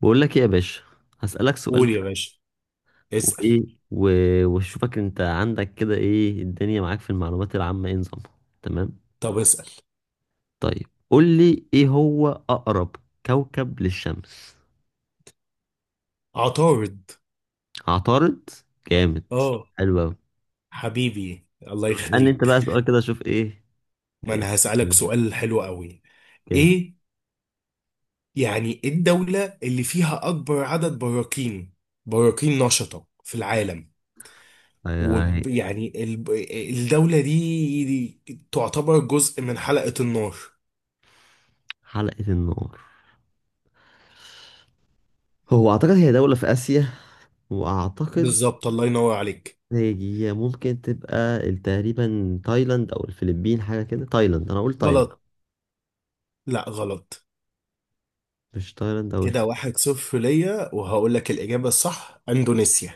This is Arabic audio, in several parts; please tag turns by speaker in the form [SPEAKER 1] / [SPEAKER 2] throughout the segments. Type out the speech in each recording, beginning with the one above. [SPEAKER 1] بقول لك ايه يا باشا. هسألك سؤال
[SPEAKER 2] قول يا
[SPEAKER 1] كده.
[SPEAKER 2] باشا. اسأل.
[SPEAKER 1] وايه و... واشوفك انت عندك كده ايه الدنيا معاك في المعلومات العامة، ايه نظامها؟ تمام.
[SPEAKER 2] طب اسأل.
[SPEAKER 1] طيب قول لي ايه هو اقرب كوكب للشمس؟
[SPEAKER 2] عطارد.
[SPEAKER 1] عطارد. جامد،
[SPEAKER 2] اه،
[SPEAKER 1] حلو قوي.
[SPEAKER 2] حبيبي الله
[SPEAKER 1] طب اسألني انت
[SPEAKER 2] يخليك.
[SPEAKER 1] بقى سؤال كده اشوف ايه
[SPEAKER 2] ما انا
[SPEAKER 1] يعني.
[SPEAKER 2] هسألك سؤال حلو قوي.
[SPEAKER 1] جامد.
[SPEAKER 2] ايه يعني إيه الدولة اللي فيها اكبر عدد براكين نشطة في العالم؟
[SPEAKER 1] هاي- هاي.
[SPEAKER 2] ويعني الدولة دي تعتبر جزء من حلقة النار.
[SPEAKER 1] حلقة النار، هو اعتقد هي دولة في اسيا، واعتقد
[SPEAKER 2] بالظبط، الله ينور عليك.
[SPEAKER 1] هي ممكن تبقى تقريبا تايلاند او الفلبين، حاجة كده. تايلاند، انا اقول تايلاند.
[SPEAKER 2] غلط. لا غلط.
[SPEAKER 1] مش تايلاند او
[SPEAKER 2] كده
[SPEAKER 1] الفلبين؟
[SPEAKER 2] واحد صفر ليا، وهقول لك الإجابة الصح: اندونيسيا.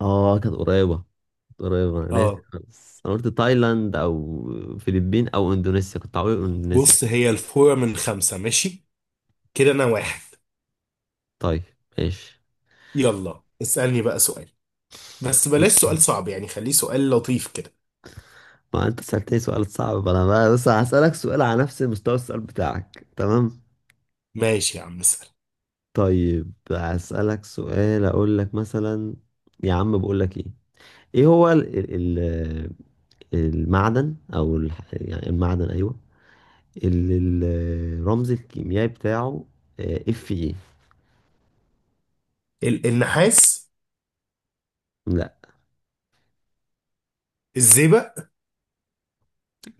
[SPEAKER 1] اه، كانت قريبة. كانت قريبة، انا ناسي
[SPEAKER 2] اه.
[SPEAKER 1] خالص. انا قلت تايلاند او فلبين او اندونيسيا. كنت عاوز أقول اندونيسيا.
[SPEAKER 2] بص، هي الفورة من خمسة، ماشي. كده أنا واحد.
[SPEAKER 1] طيب ماشي.
[SPEAKER 2] يلا اسألني بقى سؤال، بس بلاش سؤال صعب يعني، خليه سؤال لطيف كده.
[SPEAKER 1] ما انت سألتني سؤال صعب، انا بقى بس هسألك سؤال على نفس مستوى السؤال بتاعك، تمام؟
[SPEAKER 2] ماشي يا عم، اسأل.
[SPEAKER 1] طيب هسألك سؤال، اقول لك مثلا، يا عم بقول لك ايه، ايه هو المعدن، او ال يعني المعدن، ايوه، اللي الرمز الكيميائي بتاعه اف ايه؟
[SPEAKER 2] النحاس.
[SPEAKER 1] لا.
[SPEAKER 2] الزئبق.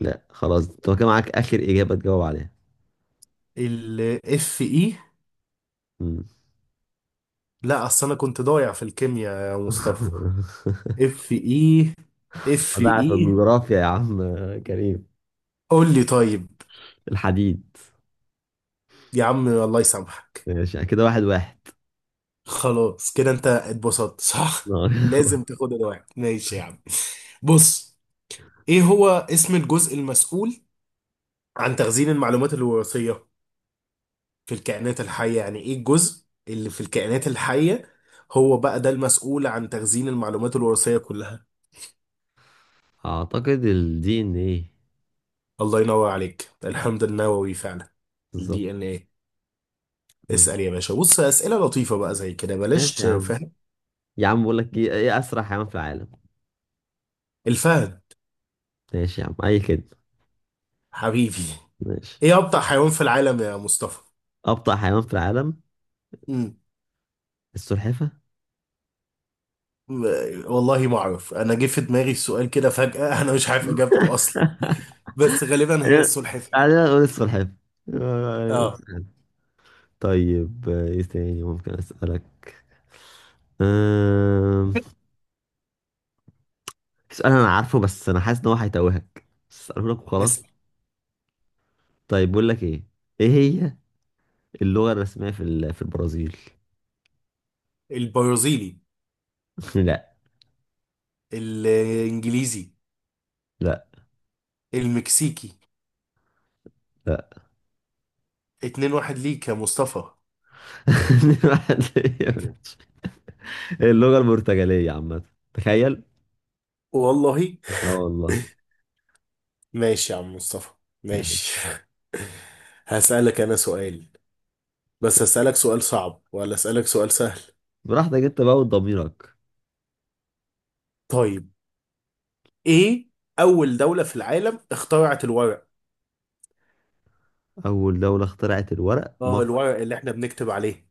[SPEAKER 1] لا خلاص، طب كان معاك آخر إجابة تجاوب عليها.
[SPEAKER 2] الاف اي.
[SPEAKER 1] مم.
[SPEAKER 2] لا، اصل انا كنت ضايع في الكيمياء يا مصطفى. اف اي. اف
[SPEAKER 1] ضاع في
[SPEAKER 2] اي.
[SPEAKER 1] الجغرافيا يا عم كريم.
[SPEAKER 2] قول لي طيب.
[SPEAKER 1] الحديد.
[SPEAKER 2] يا عم الله يسامحك.
[SPEAKER 1] ماشي، كده واحد واحد.
[SPEAKER 2] خلاص كده، انت اتبسطت صح. لازم تاخد الواحد، ماشي يا عم. بص، ايه هو اسم الجزء المسؤول عن تخزين المعلومات الوراثية في الكائنات الحية؟ يعني ايه الجزء اللي في الكائنات الحية هو بقى ده المسؤول عن تخزين المعلومات الوراثية كلها؟
[SPEAKER 1] أعتقد ال DNA.
[SPEAKER 2] الله ينور عليك، الحمض النووي فعلا.
[SPEAKER 1] بالظبط.
[SPEAKER 2] الدي ان ايه.
[SPEAKER 1] بالظبط.
[SPEAKER 2] اسأل يا باشا. بص، أسئلة لطيفة بقى زي كده، بلاش
[SPEAKER 1] ماشي يا عم.
[SPEAKER 2] تفهم.
[SPEAKER 1] يا عم بقول لك إيه، إيه أسرع حيوان في العالم؟
[SPEAKER 2] الفهد.
[SPEAKER 1] ماشي يا عم، أي كده.
[SPEAKER 2] حبيبي.
[SPEAKER 1] ماشي.
[SPEAKER 2] ايه أبطأ حيوان في العالم يا مصطفى؟
[SPEAKER 1] أبطأ حيوان في العالم؟
[SPEAKER 2] مم.
[SPEAKER 1] السلحفة.
[SPEAKER 2] والله ما اعرف، انا جه في دماغي السؤال كده فجأة انا مش عارف اجابته اصلا، بس غالبا هي
[SPEAKER 1] خلينا،
[SPEAKER 2] السلحفاة.
[SPEAKER 1] خلينا نقول السلحفة.
[SPEAKER 2] اه.
[SPEAKER 1] طيب إيه تاني ممكن أسألك؟ أمم. سؤال انا عارفه، بس انا حاسس ان هو هيتوهك، بس اساله لك وخلاص.
[SPEAKER 2] اسأل.
[SPEAKER 1] طيب بقول لك ايه، ايه هي اللغة الرسمية في البرازيل؟
[SPEAKER 2] البرازيلي.
[SPEAKER 1] لا.
[SPEAKER 2] الانجليزي.
[SPEAKER 1] لا.
[SPEAKER 2] المكسيكي.
[SPEAKER 1] لا.
[SPEAKER 2] اتنين واحد ليك يا مصطفى.
[SPEAKER 1] اللغة البرتغالية عامة، تخيل.
[SPEAKER 2] والله.
[SPEAKER 1] اه والله.
[SPEAKER 2] ماشي يا عم مصطفى.
[SPEAKER 1] ماشي.
[SPEAKER 2] ماشي. هسألك أنا سؤال، بس هسألك سؤال صعب ولا أسألك سؤال سهل؟
[SPEAKER 1] براحتك انت بقى وضميرك.
[SPEAKER 2] طيب، إيه أول دولة في العالم اخترعت الورق؟
[SPEAKER 1] اول دولة اخترعت الورق؟
[SPEAKER 2] آه،
[SPEAKER 1] مصر.
[SPEAKER 2] الورق اللي إحنا بنكتب عليه.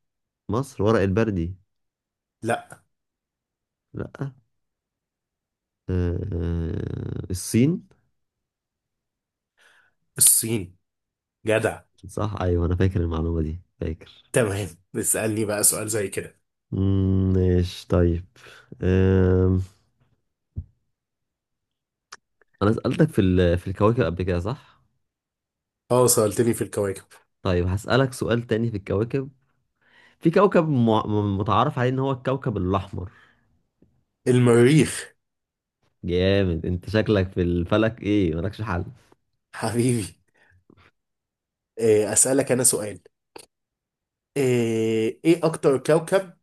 [SPEAKER 1] مصر، ورق البردي.
[SPEAKER 2] لا.
[SPEAKER 1] لا. آه، آه، الصين.
[SPEAKER 2] الصين. جدع.
[SPEAKER 1] صح، ايوه انا فاكر المعلومة دي، فاكر.
[SPEAKER 2] تمام. اسألني بقى سؤال زي كده.
[SPEAKER 1] مم، ماشي طيب. انا سألتك في الكواكب قبل كده، صح؟
[SPEAKER 2] آه سألتني في الكواكب.
[SPEAKER 1] طيب هسألك سؤال تاني في الكواكب. في كوكب متعارف عليه ان هو الكوكب الاحمر.
[SPEAKER 2] المريخ.
[SPEAKER 1] جامد، انت شكلك في الفلك ايه، مالكش حل.
[SPEAKER 2] حبيبي. إيه أسألك أنا سؤال. ايه اكتر كوكب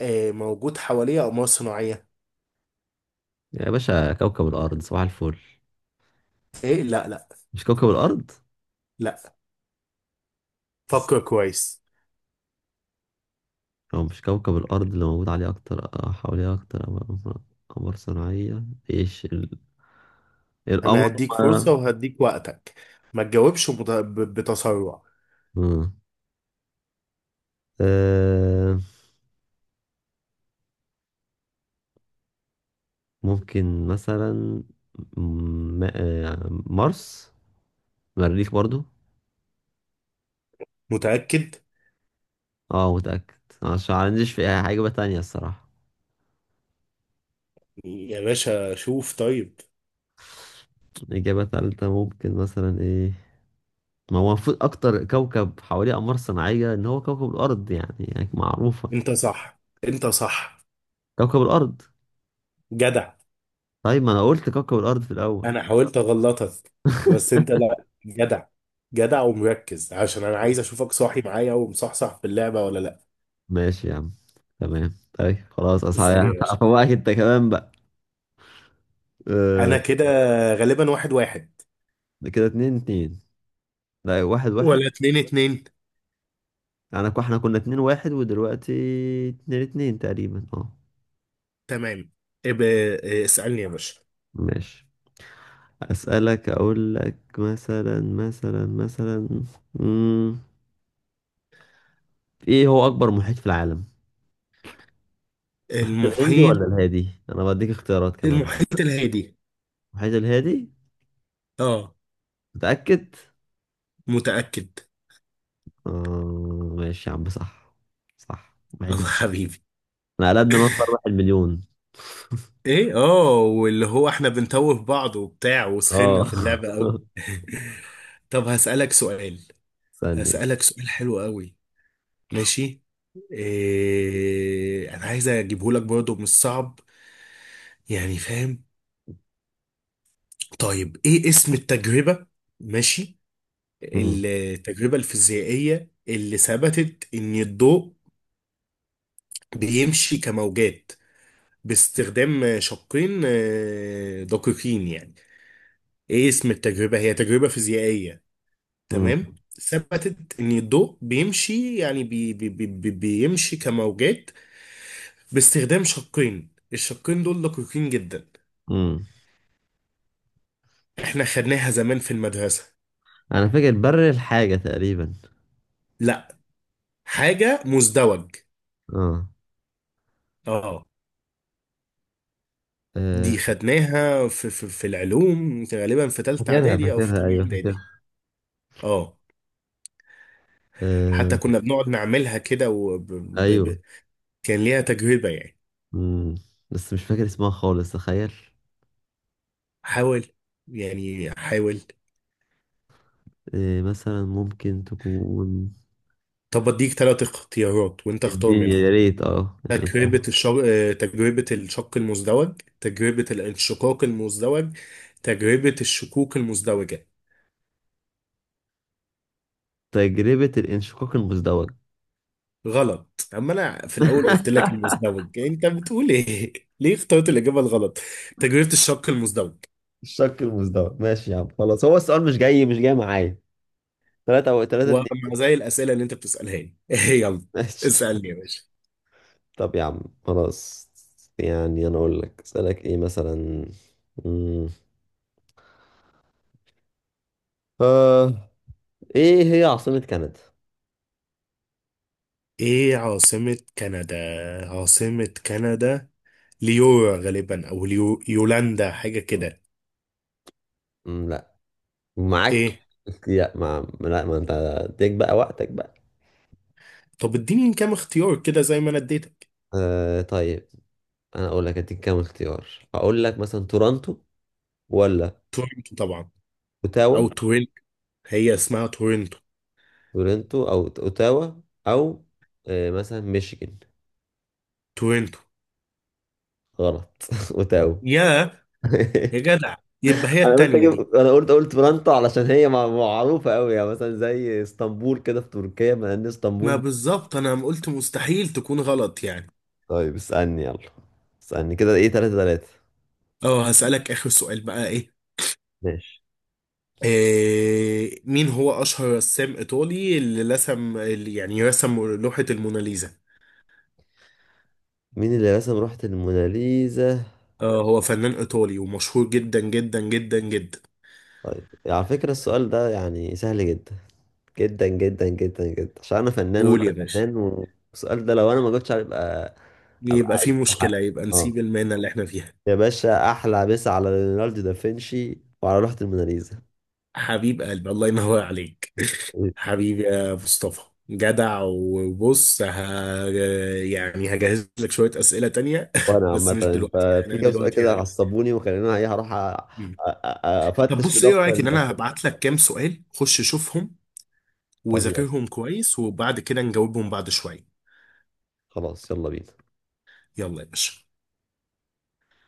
[SPEAKER 2] إيه موجود حواليه اقمار صناعية؟
[SPEAKER 1] يا باشا كوكب الارض، صباح الفل.
[SPEAKER 2] ايه لا لا.
[SPEAKER 1] مش كوكب الارض؟
[SPEAKER 2] لا، فكر كويس.
[SPEAKER 1] هو مش كوكب الارض اللي موجود عليه اكتر حواليه اكتر قمر؟ قمر صناعية. ايش القمر.
[SPEAKER 2] انا هديك فرصة،
[SPEAKER 1] آه،
[SPEAKER 2] وهديك وقتك. ما تجاوبش بتسرع.
[SPEAKER 1] مم. آه، ممكن مثلا مارس، مريخ برضو.
[SPEAKER 2] متأكد؟
[SPEAKER 1] اه، متأكد. عشان ما عنديش في أي حاجة تانية الصراحة.
[SPEAKER 2] يا باشا شوف طيب.
[SPEAKER 1] إجابة تالتة ممكن مثلا إيه؟ ما هو المفروض أكتر كوكب حواليه أقمار صناعية إن هو كوكب الأرض، يعني معروفة.
[SPEAKER 2] انت صح، انت صح.
[SPEAKER 1] كوكب الأرض.
[SPEAKER 2] جدع.
[SPEAKER 1] طيب ما أنا قلت كوكب الأرض في الأول.
[SPEAKER 2] انا حاولت اغلطك، بس انت لا، جدع. جدع ومركز، عشان انا عايز اشوفك صاحي معايا ومصحصح في اللعبة ولا لا.
[SPEAKER 1] ماشي يا عم، تمام. طيب خلاص
[SPEAKER 2] اسأل
[SPEAKER 1] أصحى.
[SPEAKER 2] يا باشا.
[SPEAKER 1] هفوقك أنت كمان بقى.
[SPEAKER 2] انا
[SPEAKER 1] أه.
[SPEAKER 2] كده غالبا واحد واحد
[SPEAKER 1] كده اتنين اتنين. لا واحد واحد.
[SPEAKER 2] ولا اتنين اتنين.
[SPEAKER 1] أنا يعني إحنا كنا اتنين واحد ودلوقتي اتنين اتنين تقريبا، اه.
[SPEAKER 2] تمام. ابقى اسألني يا باشا.
[SPEAKER 1] ماشي. أسألك أقول لك مثلا، مثلا، مثلا، مم. إيه هو أكبر محيط في العالم؟ المحيط الهندي
[SPEAKER 2] المحيط.
[SPEAKER 1] ولا الهادي؟ أنا بديك اختيارات كمان هنا.
[SPEAKER 2] المحيط الهادي.
[SPEAKER 1] المحيط الهادي؟
[SPEAKER 2] اه.
[SPEAKER 1] متأكد؟
[SPEAKER 2] متأكد
[SPEAKER 1] آه ماشي يا عم، صح. صح، محيط
[SPEAKER 2] الله،
[SPEAKER 1] الهادي.
[SPEAKER 2] حبيبي.
[SPEAKER 1] أنا قلبنا مصر واحد مليون.
[SPEAKER 2] ايه اه، واللي هو احنا بنتوه بعض وبتاع، وسخنا
[SPEAKER 1] آه
[SPEAKER 2] في اللعبة قوي طب هسألك سؤال.
[SPEAKER 1] ثانية.
[SPEAKER 2] هسألك سؤال حلو قوي. ماشي. إيه انا عايز اجيبه لك برضه مش صعب، يعني فاهم. طيب، ايه اسم التجربة؟ ماشي،
[SPEAKER 1] مم.
[SPEAKER 2] التجربة الفيزيائية اللي ثبتت ان الضوء بيمشي كموجات باستخدام شقين آه، دقيقين يعني. ايه اسم التجربة؟ هي تجربة فيزيائية، تمام،
[SPEAKER 1] مم.
[SPEAKER 2] ثبتت ان الضوء بيمشي يعني بيمشي كموجات باستخدام شقين. الشقين دول دقيقين جدا.
[SPEAKER 1] مم.
[SPEAKER 2] احنا خدناها زمان في المدرسة.
[SPEAKER 1] أنا فاكر بر الحاجة تقريبا.
[SPEAKER 2] لا، حاجة مزدوج.
[SPEAKER 1] آه.
[SPEAKER 2] اه.
[SPEAKER 1] آه،
[SPEAKER 2] دي خدناها في العلوم، غالبا في تالتة
[SPEAKER 1] فاكرها،
[SPEAKER 2] اعدادي او في
[SPEAKER 1] فاكرها،
[SPEAKER 2] تانية
[SPEAKER 1] أيوه
[SPEAKER 2] اعدادي.
[SPEAKER 1] فاكرها.
[SPEAKER 2] اه.
[SPEAKER 1] آه،
[SPEAKER 2] حتى كنا بنقعد نعملها كده.
[SPEAKER 1] أيوه.
[SPEAKER 2] كان ليها تجربة يعني.
[SPEAKER 1] مم. بس مش فاكر اسمها خالص، تخيل.
[SPEAKER 2] حاول، يعني حاول.
[SPEAKER 1] إيه مثلا ممكن تكون،
[SPEAKER 2] طب اديك ثلاث اختيارات وانت اختار
[SPEAKER 1] الدنيا
[SPEAKER 2] منهم.
[SPEAKER 1] يا ريت اه يعني
[SPEAKER 2] تجربة
[SPEAKER 1] فاهم.
[SPEAKER 2] الشر... آه، تجربة الشق المزدوج، تجربة الانشقاق المزدوج، تجربة الشقوق المزدوجة.
[SPEAKER 1] تجربة الانشقاق المزدوج.
[SPEAKER 2] غلط. اما انا في الاول قلت لك المزدوج، انت بتقول ايه ليه اخترت الاجابة الغلط؟ تجربة الشق المزدوج.
[SPEAKER 1] الشق المزدوج، ماشي يا عم خلاص، هو السؤال مش جاي، مش جاي معايا. ثلاثة أو ثلاثة
[SPEAKER 2] ومع،
[SPEAKER 1] اتنين.
[SPEAKER 2] زي الاسئلة اللي انت بتسألها لي يلا
[SPEAKER 1] ماشي.
[SPEAKER 2] اسألني يا باشا.
[SPEAKER 1] طب يا عم خلاص. يعني أنا أقول لك أسألك إيه مثلا، مم. آه، إيه هي عاصمة كندا؟
[SPEAKER 2] ايه عاصمة كندا؟ عاصمة كندا ليو غالبا، او ليو يولاندا، حاجة كده.
[SPEAKER 1] مم، لا. معاك.
[SPEAKER 2] ايه؟
[SPEAKER 1] لا ما، لا ما أنت اديك بقى وقتك بقى.
[SPEAKER 2] طب اديني كام اختيار كده زي ما انا اديتك.
[SPEAKER 1] آه طيب، أنا أقول لك أديك كام اختيار. أقول لك مثلا تورونتو، ولا
[SPEAKER 2] تورنتو طبعا.
[SPEAKER 1] اوتاوا،
[SPEAKER 2] او تورنتو، هي اسمها تورنتو.
[SPEAKER 1] تورنتو او اوتاوا، او آه، مثلا ميشيغان.
[SPEAKER 2] تورنتو.
[SPEAKER 1] غلط. اوتاوا.
[SPEAKER 2] يا يا جدع، يبقى هي
[SPEAKER 1] انا قلت
[SPEAKER 2] التانية دي.
[SPEAKER 1] اجيب، انا قلت قلت تورنتو علشان هي معروفه قوي، يعني مثلا زي اسطنبول كده في تركيا، ما ان
[SPEAKER 2] ما
[SPEAKER 1] اسطنبول.
[SPEAKER 2] بالظبط، انا قلت مستحيل تكون غلط يعني.
[SPEAKER 1] طيب اسالني يلا، اسالني كده ايه، 3-3.
[SPEAKER 2] اه، هسألك اخر سؤال بقى، ايه
[SPEAKER 1] ماشي.
[SPEAKER 2] إيه مين هو اشهر رسام ايطالي اللي رسم اللي يعني رسم لوحة الموناليزا؟
[SPEAKER 1] مين اللي رسم لوحة الموناليزا؟
[SPEAKER 2] آه، هو فنان إيطالي ومشهور جدا جدا جدا جدا.
[SPEAKER 1] طيب على فكرة السؤال ده يعني سهل جدا، جدا جدا جدا جدا، عشان انا فنان
[SPEAKER 2] قول
[SPEAKER 1] وانت
[SPEAKER 2] يا باشا.
[SPEAKER 1] فنان، والسؤال ده لو انا ما جبتش عليه يبقى، ابقى
[SPEAKER 2] يبقى
[SPEAKER 1] عايش
[SPEAKER 2] في
[SPEAKER 1] في
[SPEAKER 2] مشكلة،
[SPEAKER 1] حق.
[SPEAKER 2] يبقى نسيب
[SPEAKER 1] اه
[SPEAKER 2] المهنة اللي احنا فيها.
[SPEAKER 1] يا باشا، احلى مسا على ليوناردو دافنشي وعلى لوحة الموناليزا.
[SPEAKER 2] حبيب قلبي، الله ينور عليك. حبيبي يا مصطفى. جدع. وبص يعني هجهز لك شوية أسئلة تانية
[SPEAKER 1] وانا
[SPEAKER 2] بس
[SPEAKER 1] عامة
[SPEAKER 2] مش دلوقتي
[SPEAKER 1] انت
[SPEAKER 2] يعني،
[SPEAKER 1] في
[SPEAKER 2] انا
[SPEAKER 1] كام سؤال
[SPEAKER 2] دلوقتي
[SPEAKER 1] كده
[SPEAKER 2] ه...
[SPEAKER 1] عصبوني، وخليني ايه هروح
[SPEAKER 2] مم. طب
[SPEAKER 1] افتش في
[SPEAKER 2] بص، ايه
[SPEAKER 1] دفتر
[SPEAKER 2] رأيك ان انا
[SPEAKER 1] الاسئلة.
[SPEAKER 2] هبعت لك كام سؤال، خش شوفهم
[SPEAKER 1] طب يلا،
[SPEAKER 2] وذاكرهم كويس وبعد كده نجاوبهم بعد شوية؟
[SPEAKER 1] خلاص يلا بينا.
[SPEAKER 2] يلا يا باشا.